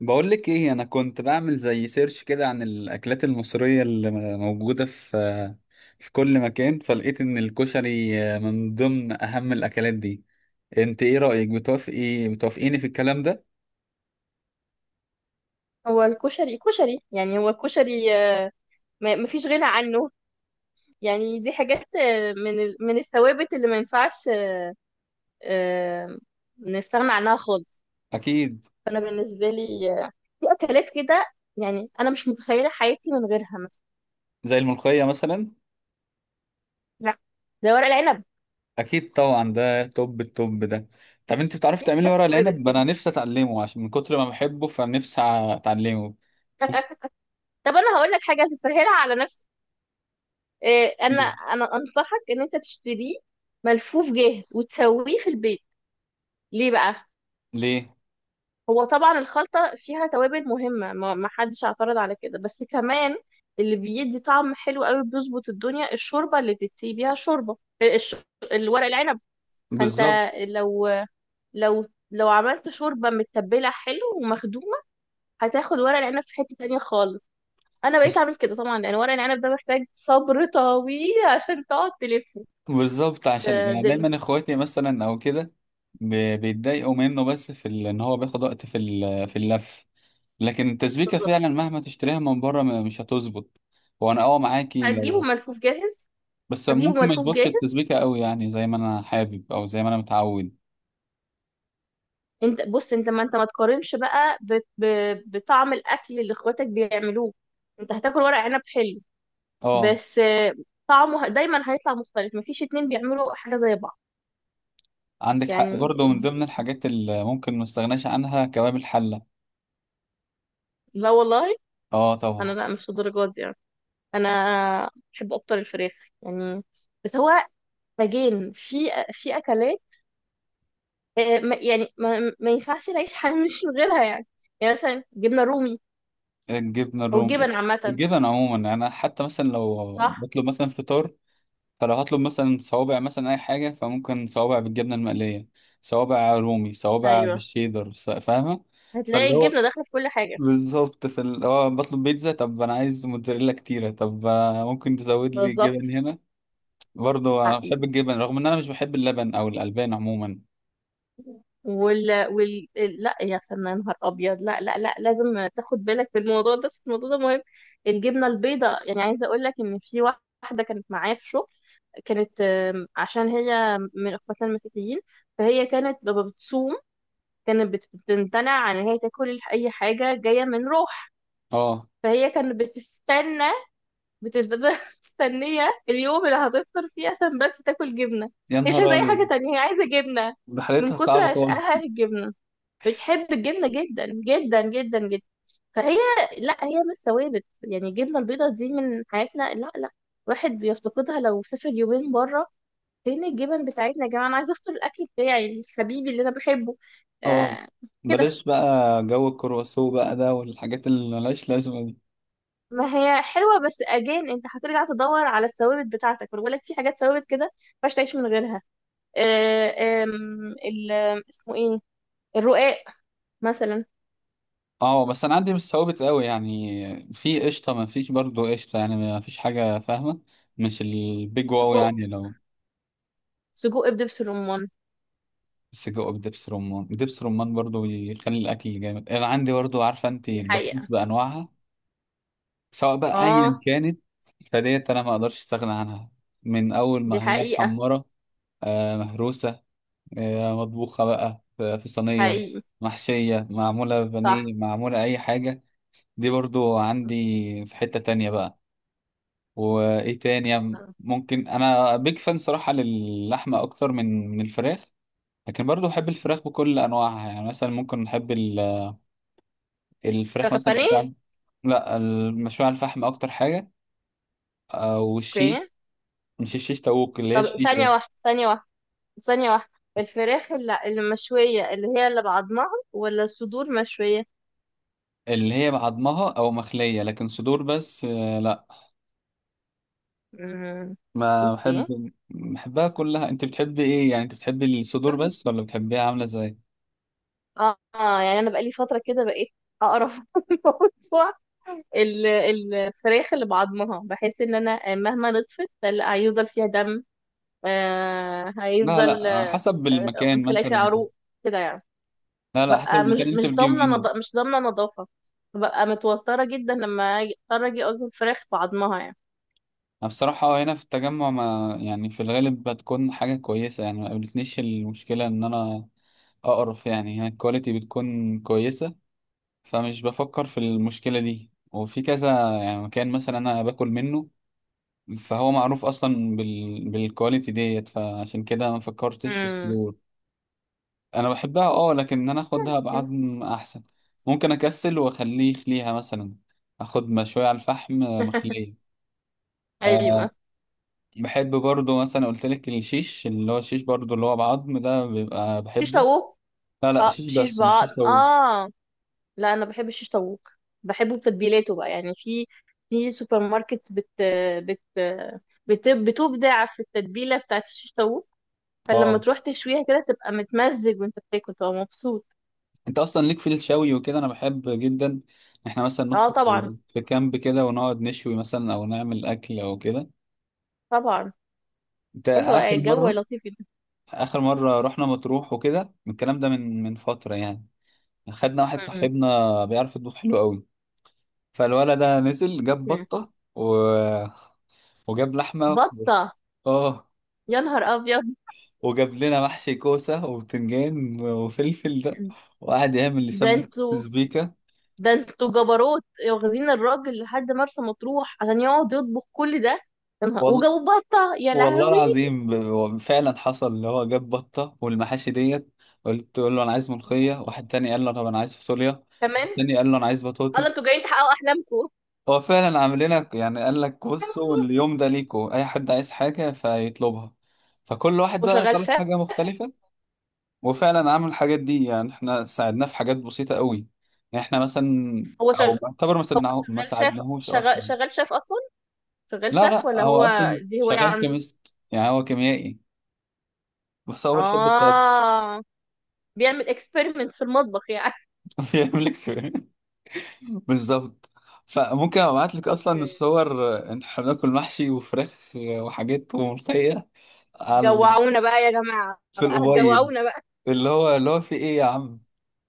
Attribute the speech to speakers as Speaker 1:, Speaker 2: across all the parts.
Speaker 1: بقول لك ايه، انا كنت بعمل زي سيرش كده عن الاكلات المصريه اللي موجوده في كل مكان، فلقيت ان الكشري من ضمن اهم الاكلات دي. انت ايه رايك؟ بتوافقيني في الكلام ده؟
Speaker 2: هو الكشري كشري، يعني هو الكشري، مفيش غنى عنه. يعني دي حاجات، من من الثوابت اللي ما ينفعش آه، نستغنى عنها خالص.
Speaker 1: اكيد.
Speaker 2: فانا بالنسبه لي في اكلات كده، يعني انا مش متخيله حياتي من غيرها. مثلا
Speaker 1: زي الملوخيه مثلا.
Speaker 2: لا، ده ورق العنب.
Speaker 1: اكيد طبعا، ده توب التوب ده. طب انت بتعرفي
Speaker 2: دي
Speaker 1: تعملي
Speaker 2: حاجات
Speaker 1: ورق
Speaker 2: ثوابت
Speaker 1: العنب؟
Speaker 2: كده.
Speaker 1: انا نفسي اتعلمه، عشان من كتر ما بحبه فنفسي اتعلمه.
Speaker 2: طب انا هقول لك حاجه تسهلها على نفسك. انا
Speaker 1: ممكن-
Speaker 2: انا انصحك ان انت تشتريه ملفوف جاهز وتسويه في البيت. ليه بقى؟
Speaker 1: ليه؟
Speaker 2: هو طبعا الخلطة فيها توابل مهمة، ما حدش اعترض على كده، بس كمان اللي بيدي طعم حلو قوي بيظبط الدنيا الشوربة اللي تتسقي بيها، شوربة الورق العنب. فانت
Speaker 1: بالظبط.
Speaker 2: لو لو لو عملت شوربة متبلة حلو ومخدومة، هتاخد ورق العنب في حتة تانية خالص. انا بقيت
Speaker 1: بس
Speaker 2: اعمل كده طبعا، لان ورق العنب ده محتاج صبر طويل عشان تقعد تلفه
Speaker 1: بالظبط، عشان
Speaker 2: في
Speaker 1: يعني
Speaker 2: دم.
Speaker 1: دايما اخواتي مثلا او كده بيتضايقوا منه، بس في ان هو بياخد وقت في في اللف. لكن التسبيكه فعلا
Speaker 2: بالظبط،
Speaker 1: مهما تشتريها من بره مش هتظبط. وانا معاكي
Speaker 2: هتجيبه
Speaker 1: لو.
Speaker 2: ملفوف جاهز.
Speaker 1: بس
Speaker 2: هتجيبه
Speaker 1: ممكن ما
Speaker 2: ملفوف
Speaker 1: يظبطش
Speaker 2: جاهز.
Speaker 1: التسبيكه قوي، يعني زي ما انا حابب او زي ما انا متعود.
Speaker 2: انت بص، انت ما تقارنش بقى بطعم الاكل اللي اخواتك بيعملوه. انت هتاكل ورق عنب حلو،
Speaker 1: اه،
Speaker 2: بس طعمه دايما هيطلع مختلف. مفيش اتنين بيعملوا حاجه زي بعض.
Speaker 1: عندك حق
Speaker 2: يعني
Speaker 1: برضه، من ضمن
Speaker 2: دي
Speaker 1: الحاجات اللي ممكن ما استغناش عنها كباب الحله.
Speaker 2: لا والله.
Speaker 1: اه
Speaker 2: انا
Speaker 1: طبعا.
Speaker 2: لا، مش للدرجه دي يعني. انا بحب اكتر الفراخ. يعني بس هو باجين في في اكلات، يعني ما ينفعش نعيش حياه مش من غيرها يعني. يعني مثلا جبنه رومي
Speaker 1: الجبنه
Speaker 2: او
Speaker 1: الروم،
Speaker 2: جبن عامه.
Speaker 1: الجبن عموما. يعني انا حتى مثلا لو
Speaker 2: صح.
Speaker 1: بطلب مثلا فطار، فلو هطلب مثلا صوابع، مثلا اي حاجه، فممكن صوابع بالجبنه المقليه، صوابع رومي، صوابع
Speaker 2: ايوه،
Speaker 1: بالشيدر. فاهمه؟
Speaker 2: هتلاقي
Speaker 1: فاللي هو
Speaker 2: الجبنه داخله في كل حاجه.
Speaker 1: بالظبط، في اللي هو بطلب بيتزا، طب انا عايز موتزاريلا كتيره، طب ممكن تزود لي جبن
Speaker 2: بالظبط.
Speaker 1: هنا. برضه انا
Speaker 2: حقيقي.
Speaker 1: بحب الجبن، رغم ان انا مش بحب اللبن او الالبان عموما.
Speaker 2: وال وال لا، يا سنة يا نهار ابيض! لا لا لا، لازم تاخد بالك في الموضوع ده، بس الموضوع ده مهم. الجبنه البيضاء يعني، عايزه اقول لك ان في واحده كانت معايا في شغل، كانت عشان هي من اخواتنا المسيحيين، فهي كانت بتصوم. كانت بتمتنع عن ان هي تاكل اي حاجه جايه من روح.
Speaker 1: اه.
Speaker 2: فهي كانت بتستنى، بتفضل مستنيه اليوم اللي هتفطر فيه عشان بس تاكل جبنه.
Speaker 1: يا
Speaker 2: هي مش
Speaker 1: نهار
Speaker 2: عايزه اي حاجه
Speaker 1: ابيض،
Speaker 2: تانية، هي عايزه جبنه.
Speaker 1: ده
Speaker 2: من
Speaker 1: حالتها
Speaker 2: كتر
Speaker 1: صعبه خالص.
Speaker 2: عشقها الجبنه، بتحب الجبنة جدا جدا جدا جدا. فهي لا، هي مش ثوابت يعني الجبنة البيضاء دي من حياتنا، لا لا. واحد بيفتقدها لو سافر يومين بره. فين الجبن بتاعتنا يا جماعة؟ أنا عايزة أفطر الأكل بتاعي الحبيبي اللي أنا بحبه.
Speaker 1: اه.
Speaker 2: آه. كده
Speaker 1: بلاش بقى جو الكرواسو بقى ده، والحاجات اللي ملهاش لازمه.
Speaker 2: ما هي حلوة، بس أجان أنت هترجع تدور على الثوابت بتاعتك، وأنا بقول لك في حاجات ثوابت كده ما ينفعش تعيش من غيرها. آه آم، ال- آم، اسمه إيه؟ الرقاق مثلا.
Speaker 1: اه، بس انا عندي مش ثوابت قوي، يعني في قشطه ما فيش، برضو قشطه يعني ما فيش حاجه، فاهمه؟ مش البيج واو،
Speaker 2: سجق،
Speaker 1: يعني لو
Speaker 2: سجق بدبس الرمان.
Speaker 1: بس جوه دبس رمان، دبس رمان برضو يخلي الاكل جامد. انا عندي برضو، عارفه انت،
Speaker 2: دي
Speaker 1: البطاطس
Speaker 2: حقيقة.
Speaker 1: بانواعها، سواء بقى ايا
Speaker 2: اه،
Speaker 1: كانت. فديت انا ما اقدرش استغنى عنها. من اول
Speaker 2: دي
Speaker 1: ما هي
Speaker 2: حقيقة.
Speaker 1: محمره، آه مهروسه، آه مطبوخه بقى في صينيه،
Speaker 2: حقيقي.
Speaker 1: محشيه، معموله
Speaker 2: صح.
Speaker 1: بانيه، معموله اي حاجه. دي برضو عندي في حته تانية بقى. وايه تاني؟ يعني ممكن انا بيج فان صراحه للحمه اكتر من الفراخ، لكن برضو بحب الفراخ بكل انواعها. يعني مثلا ممكن نحب الفراخ
Speaker 2: فراخ
Speaker 1: مثلا
Speaker 2: البانيه.
Speaker 1: مشوية. لا، المشوية على الفحم اكتر حاجه، او الشيش.
Speaker 2: اوكي.
Speaker 1: مش الشيش طاووق، اللي هي
Speaker 2: طب
Speaker 1: الشيش
Speaker 2: ثانية
Speaker 1: بس،
Speaker 2: واحدة، ثانية واحدة، ثانية واحدة. الفراخ اللي مشوية، اللي هي اللي بعضمها ولا الصدور مشوية؟
Speaker 1: اللي هي بعضمها او مخليه، لكن صدور بس لا.
Speaker 2: امم.
Speaker 1: ما
Speaker 2: اوكي.
Speaker 1: بحبها كلها. انت بتحبي ايه؟ يعني انت بتحبي الصدور بس ولا بتحبيها عامله ازاي؟
Speaker 2: اه، يعني انا بقالي فترة كده بقيت اقرف من موضوع الفراخ اللي بعضمها. بحس ان انا مهما نطفت هيفضل فيها دم، آه
Speaker 1: لا
Speaker 2: هيفضل
Speaker 1: لا،
Speaker 2: آه،
Speaker 1: حسب المكان
Speaker 2: ممكن الاقي فيها
Speaker 1: مثلا.
Speaker 2: عروق كده يعني.
Speaker 1: لا لا، حسب
Speaker 2: ببقى مش
Speaker 1: المكان اللي انت
Speaker 2: مش ضامنه
Speaker 1: بتجيبه.
Speaker 2: مش ضامنه نظافه. ببقى متوتره جدا لما اضطر اجي اكل فراخ بعضمها يعني.
Speaker 1: أنا بصراحة هنا في التجمع، ما يعني في الغالب بتكون حاجة كويسة، يعني ما قابلتنيش المشكلة إن أنا أقرف. يعني هنا الكواليتي بتكون كويسة، فمش بفكر في المشكلة دي. وفي كذا يعني مكان مثلا أنا باكل منه، فهو معروف أصلا بالكواليتي ديت، فعشان كده ما فكرتش في
Speaker 2: امم.
Speaker 1: الصدور. أنا بحبها، لكن إن أنا أخدها بعظم أحسن. ممكن أكسل وأخليه يخليها مثلا، أخد مشوية على الفحم، مخلية.
Speaker 2: ايوه،
Speaker 1: بحب برضو مثلا، قلت لك الشيش، اللي هو الشيش برضو اللي هو بعظم ده بيبقى
Speaker 2: شيش
Speaker 1: بحبه.
Speaker 2: طاووق.
Speaker 1: لا لا،
Speaker 2: اه،
Speaker 1: شيش
Speaker 2: شيش
Speaker 1: بس، مش
Speaker 2: بعض.
Speaker 1: شيش لو.
Speaker 2: اه لا، انا بحب الشيش طاووق، بحبه بتتبيلاته بقى. يعني في في سوبر ماركت بت بت بت بتبدع في التتبيله بتاعت الشيش طاووق. فلما
Speaker 1: اه،
Speaker 2: تروح تشويها كده تبقى متمزج، وانت بتاكل تبقى مبسوط.
Speaker 1: انت اصلا ليك في الشوي وكده، انا بحب جدا. احنا مثلا
Speaker 2: اه
Speaker 1: نخرج
Speaker 2: طبعا.
Speaker 1: في كامب كده ونقعد نشوي مثلا، او نعمل اكل او كده.
Speaker 2: طبعا.
Speaker 1: انت
Speaker 2: ايوه،
Speaker 1: اخر
Speaker 2: الجو
Speaker 1: مره؟
Speaker 2: لطيف جدا.
Speaker 1: اخر مره رحنا مطروح وكده، الكلام ده من فتره يعني. خدنا واحد صاحبنا بيعرف يطبخ حلو قوي. فالولد ده نزل جاب
Speaker 2: مم.
Speaker 1: بطه وجاب لحمه.
Speaker 2: بطه؟
Speaker 1: اه.
Speaker 2: يا نهار ابيض!
Speaker 1: وجاب لنا محشي كوسة وبتنجان وفلفل ده، وقعد يعمل اللي
Speaker 2: ده
Speaker 1: سبت،
Speaker 2: انتوا
Speaker 1: سبيكة
Speaker 2: ده انتوا جبروت. واخدين الراجل لحد مرسى مطروح عشان يقعد يطبخ كل ده؟ يا نهار،
Speaker 1: وال...
Speaker 2: وجابوا بطة، يا
Speaker 1: والله
Speaker 2: لهوي!
Speaker 1: العظيم، هو فعلا حصل، اللي هو جاب بطة والمحاشي ديت. قلت له انا عايز ملوخية، واحد تاني قال له طب انا عايز فاصوليا، واحد
Speaker 2: كمان؟
Speaker 1: تاني قال له انا عايز
Speaker 2: قال
Speaker 1: بطاطس.
Speaker 2: انتوا جايين تحققوا احلامكم.
Speaker 1: هو فعلا عامل لنا يعني، قال لك بصوا، اليوم ده ليكوا، اي حد عايز حاجة فيطلبها. فكل واحد
Speaker 2: هو
Speaker 1: بقى
Speaker 2: شغال
Speaker 1: طلب
Speaker 2: شاف؟
Speaker 1: حاجة مختلفة، وفعلا عمل الحاجات دي. يعني احنا ساعدناه في حاجات بسيطة قوي، يعني احنا مثلا،
Speaker 2: هو
Speaker 1: او
Speaker 2: شغال
Speaker 1: بعتبر ما ساعدناهوش اصلا.
Speaker 2: شغال شاف اصلا، شغال
Speaker 1: لا
Speaker 2: شاف
Speaker 1: لا،
Speaker 2: ولا هو؟
Speaker 1: هو اصلا
Speaker 2: دي هواية
Speaker 1: شغال
Speaker 2: عنده.
Speaker 1: كيميست، يعني هو كيميائي، بس هو بيحب الطاقة.
Speaker 2: اه، بيعمل اكسبيرمنت في المطبخ يعني.
Speaker 1: بيعمل لك سوي. بالظبط. فممكن ابعت لك اصلا
Speaker 2: اوكي.
Speaker 1: الصور ان احنا بناكل محشي وفراخ وحاجات وملوخية على،
Speaker 2: جوعونا بقى يا جماعة،
Speaker 1: في
Speaker 2: بقى
Speaker 1: الأبيض،
Speaker 2: هتجوعونا بقى.
Speaker 1: اللي هو اللي هو في ايه يا عم.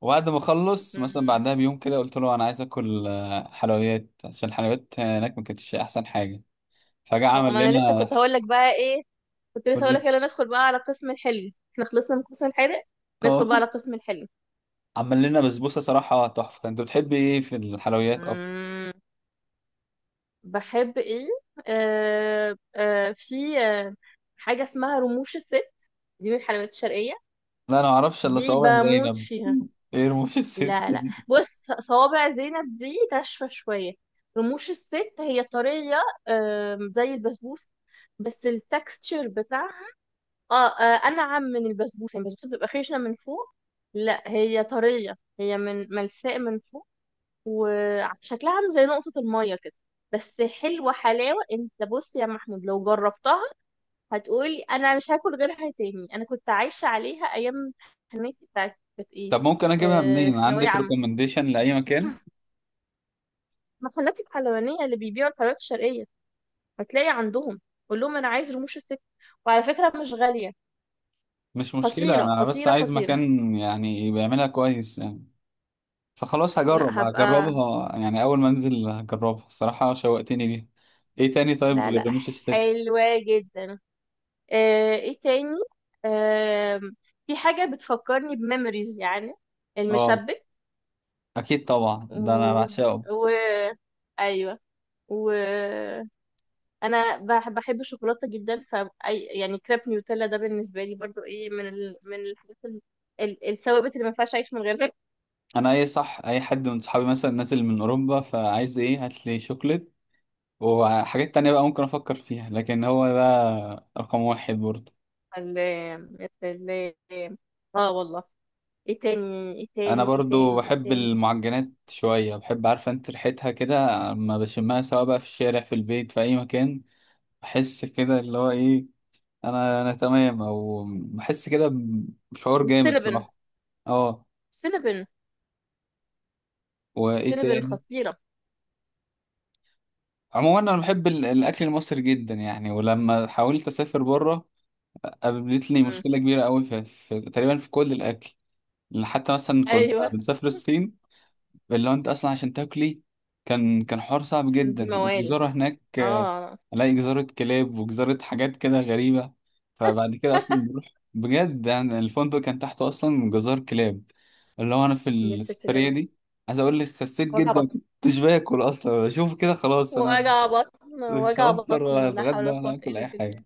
Speaker 1: وبعد ما اخلص مثلا،
Speaker 2: مم.
Speaker 1: بعدها بيوم كده، قلت له انا عايز اكل حلويات، عشان الحلويات هناك ما كانتش احسن حاجه. فجاه
Speaker 2: اه،
Speaker 1: عمل
Speaker 2: ما انا لسه
Speaker 1: لنا
Speaker 2: كنت هقول لك بقى ايه، كنت لسه
Speaker 1: برجر.
Speaker 2: هقولك يلا ندخل بقى على قسم الحلو، احنا خلصنا من القسم الحادق. ندخل
Speaker 1: اه،
Speaker 2: بقى على قسم الحلو.
Speaker 1: عمل لنا بسبوسه صراحه تحفه. انت بتحب ايه في الحلويات اكتر؟
Speaker 2: مم. بحب ايه؟ آه آه في آه حاجة اسمها رموش الست، دي من الحلويات الشرقية.
Speaker 1: لا انا ما اعرفش الا
Speaker 2: دي
Speaker 1: صوابع
Speaker 2: بموت
Speaker 1: زينب.
Speaker 2: فيها.
Speaker 1: ايه رموش الست
Speaker 2: لا لا،
Speaker 1: دي؟
Speaker 2: بص، صوابع زينب دي ناشفة شوية. رموش الست هي طرية، زي البسبوسة. بس التكستشر بتاعها انعم من البسبوسه. يعني البسبوسه بتبقى خشنه من فوق، لا هي طريه، هي من ملساء من فوق، وشكلها عامل زي نقطه الميه كده. بس حلوه حلاوه، انت بص يا محمود، لو جربتها هتقولي انا مش هاكل غيرها تاني. انا كنت عايشه عليها ايام امتحاناتي بتاعت كانت ايه،
Speaker 1: طب ممكن اجيبها منين؟
Speaker 2: ثانويه
Speaker 1: عندك
Speaker 2: عامه.
Speaker 1: ريكومنديشن لاي مكان؟
Speaker 2: محلات الحلوانيه اللي بيبيعوا الحلويات الشرقيه هتلاقي عندهم، قول لهم انا عايز رموش الست. وعلى فكره مش غاليه.
Speaker 1: مش مشكله،
Speaker 2: خطيره
Speaker 1: انا بس
Speaker 2: خطيره
Speaker 1: عايز
Speaker 2: خطيره.
Speaker 1: مكان يعني بيعملها كويس. فخلاص
Speaker 2: لا
Speaker 1: هجرب
Speaker 2: هبقى.
Speaker 1: هجربها يعني اول ما انزل. هجربها الصراحه، شوقتني ليها. ايه تاني طيب
Speaker 2: لا لا.
Speaker 1: غير رموش الست؟
Speaker 2: حلوة جدا. ايه تاني؟ آم، في حاجة بتفكرني بميموريز يعني،
Speaker 1: اه،
Speaker 2: المشبك.
Speaker 1: اكيد طبعا،
Speaker 2: و...
Speaker 1: ده انا بعشقه.
Speaker 2: و... ايوه. و انا بحب الشوكولاته جدا. ف يعني كريب نيوتيلا ده بالنسبه لي برضو ايه، من من الحاجات، الثوابت اللي ما ينفعش اعيش من غيرها.
Speaker 1: انا اي صح، اي حد من صحابي مثلا نازل من اوروبا، فعايز ايه؟ هات لي شوكليت. وحاجات تانية بقى ممكن افكر فيها، لكن هو ده رقم واحد برضو.
Speaker 2: ال... ال... اه والله.
Speaker 1: انا برضو
Speaker 2: ايه
Speaker 1: بحب
Speaker 2: تاني؟
Speaker 1: المعجنات شويه، بحب، عارفه انت، ريحتها كده اما بشمها سواء بقى في الشارع، في البيت، في اي مكان. بحس كده اللي هو ايه، انا تمام، او بحس كده بشعور جامد
Speaker 2: السينابن.
Speaker 1: صراحه. اه.
Speaker 2: السينابن
Speaker 1: وايه تاني؟
Speaker 2: خطيره.
Speaker 1: عموما انا بحب الاكل المصري جدا يعني. ولما حاولت اسافر بره، قابلتني مشكله كبيره قوي في تقريبا في كل الاكل. حتى مثلا كنت
Speaker 2: ايوه،
Speaker 1: بنسافر الصين، اللي هو انت اصلا عشان تاكلي، كان حوار صعب
Speaker 2: عشان دي
Speaker 1: جدا.
Speaker 2: موال.
Speaker 1: والجزارة هناك
Speaker 2: اه.
Speaker 1: الاقي جزارة كلاب وجزارة حاجات كده غريبة. فبعد كده اصلا بروح، بجد يعني، الفندق كان تحته اصلا جزار كلاب. اللي هو انا في
Speaker 2: يا ساتر يا
Speaker 1: السفرية
Speaker 2: رب!
Speaker 1: دي، عايز اقول لك، خسيت
Speaker 2: وجع
Speaker 1: جدا، ما
Speaker 2: بطن،
Speaker 1: كنتش باكل اصلا. اشوف كده، خلاص انا
Speaker 2: وجع بطن،
Speaker 1: مش
Speaker 2: وجع
Speaker 1: هفطر ولا
Speaker 2: بطن، لا حول
Speaker 1: هتغدى
Speaker 2: ولا
Speaker 1: ولا
Speaker 2: قوة
Speaker 1: هاكل
Speaker 2: إلا
Speaker 1: اي حاجة.
Speaker 2: بالله.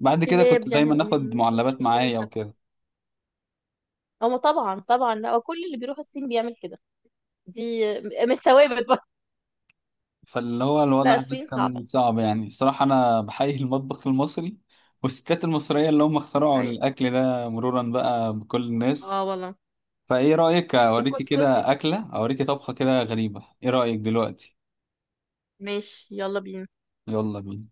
Speaker 1: بعد كده
Speaker 2: كلاب
Speaker 1: كنت
Speaker 2: يا
Speaker 1: دايما اخد
Speaker 2: مؤمنين، مش
Speaker 1: معلبات
Speaker 2: مؤمنين
Speaker 1: معايا
Speaker 2: حتى.
Speaker 1: وكده.
Speaker 2: هما طبعا طبعا، لا، وكل اللي بيروح الصين بيعمل كده. دي مش ثوابت بقى.
Speaker 1: فاللي هو
Speaker 2: لا،
Speaker 1: الوضع ده
Speaker 2: الصين
Speaker 1: كان
Speaker 2: صعبة.
Speaker 1: صعب، يعني صراحة أنا بحيي المطبخ المصري والستات المصرية اللي هم اخترعوا
Speaker 2: أيوة.
Speaker 1: الأكل ده، مرورا بقى بكل الناس.
Speaker 2: اه والله.
Speaker 1: فإيه رأيك؟ أوريكي
Speaker 2: وكسكسي.
Speaker 1: كده، أكلة أوريكي، طبخة كده غريبة، إيه رأيك دلوقتي؟
Speaker 2: ماشي، يلا بينا.
Speaker 1: يلا بينا.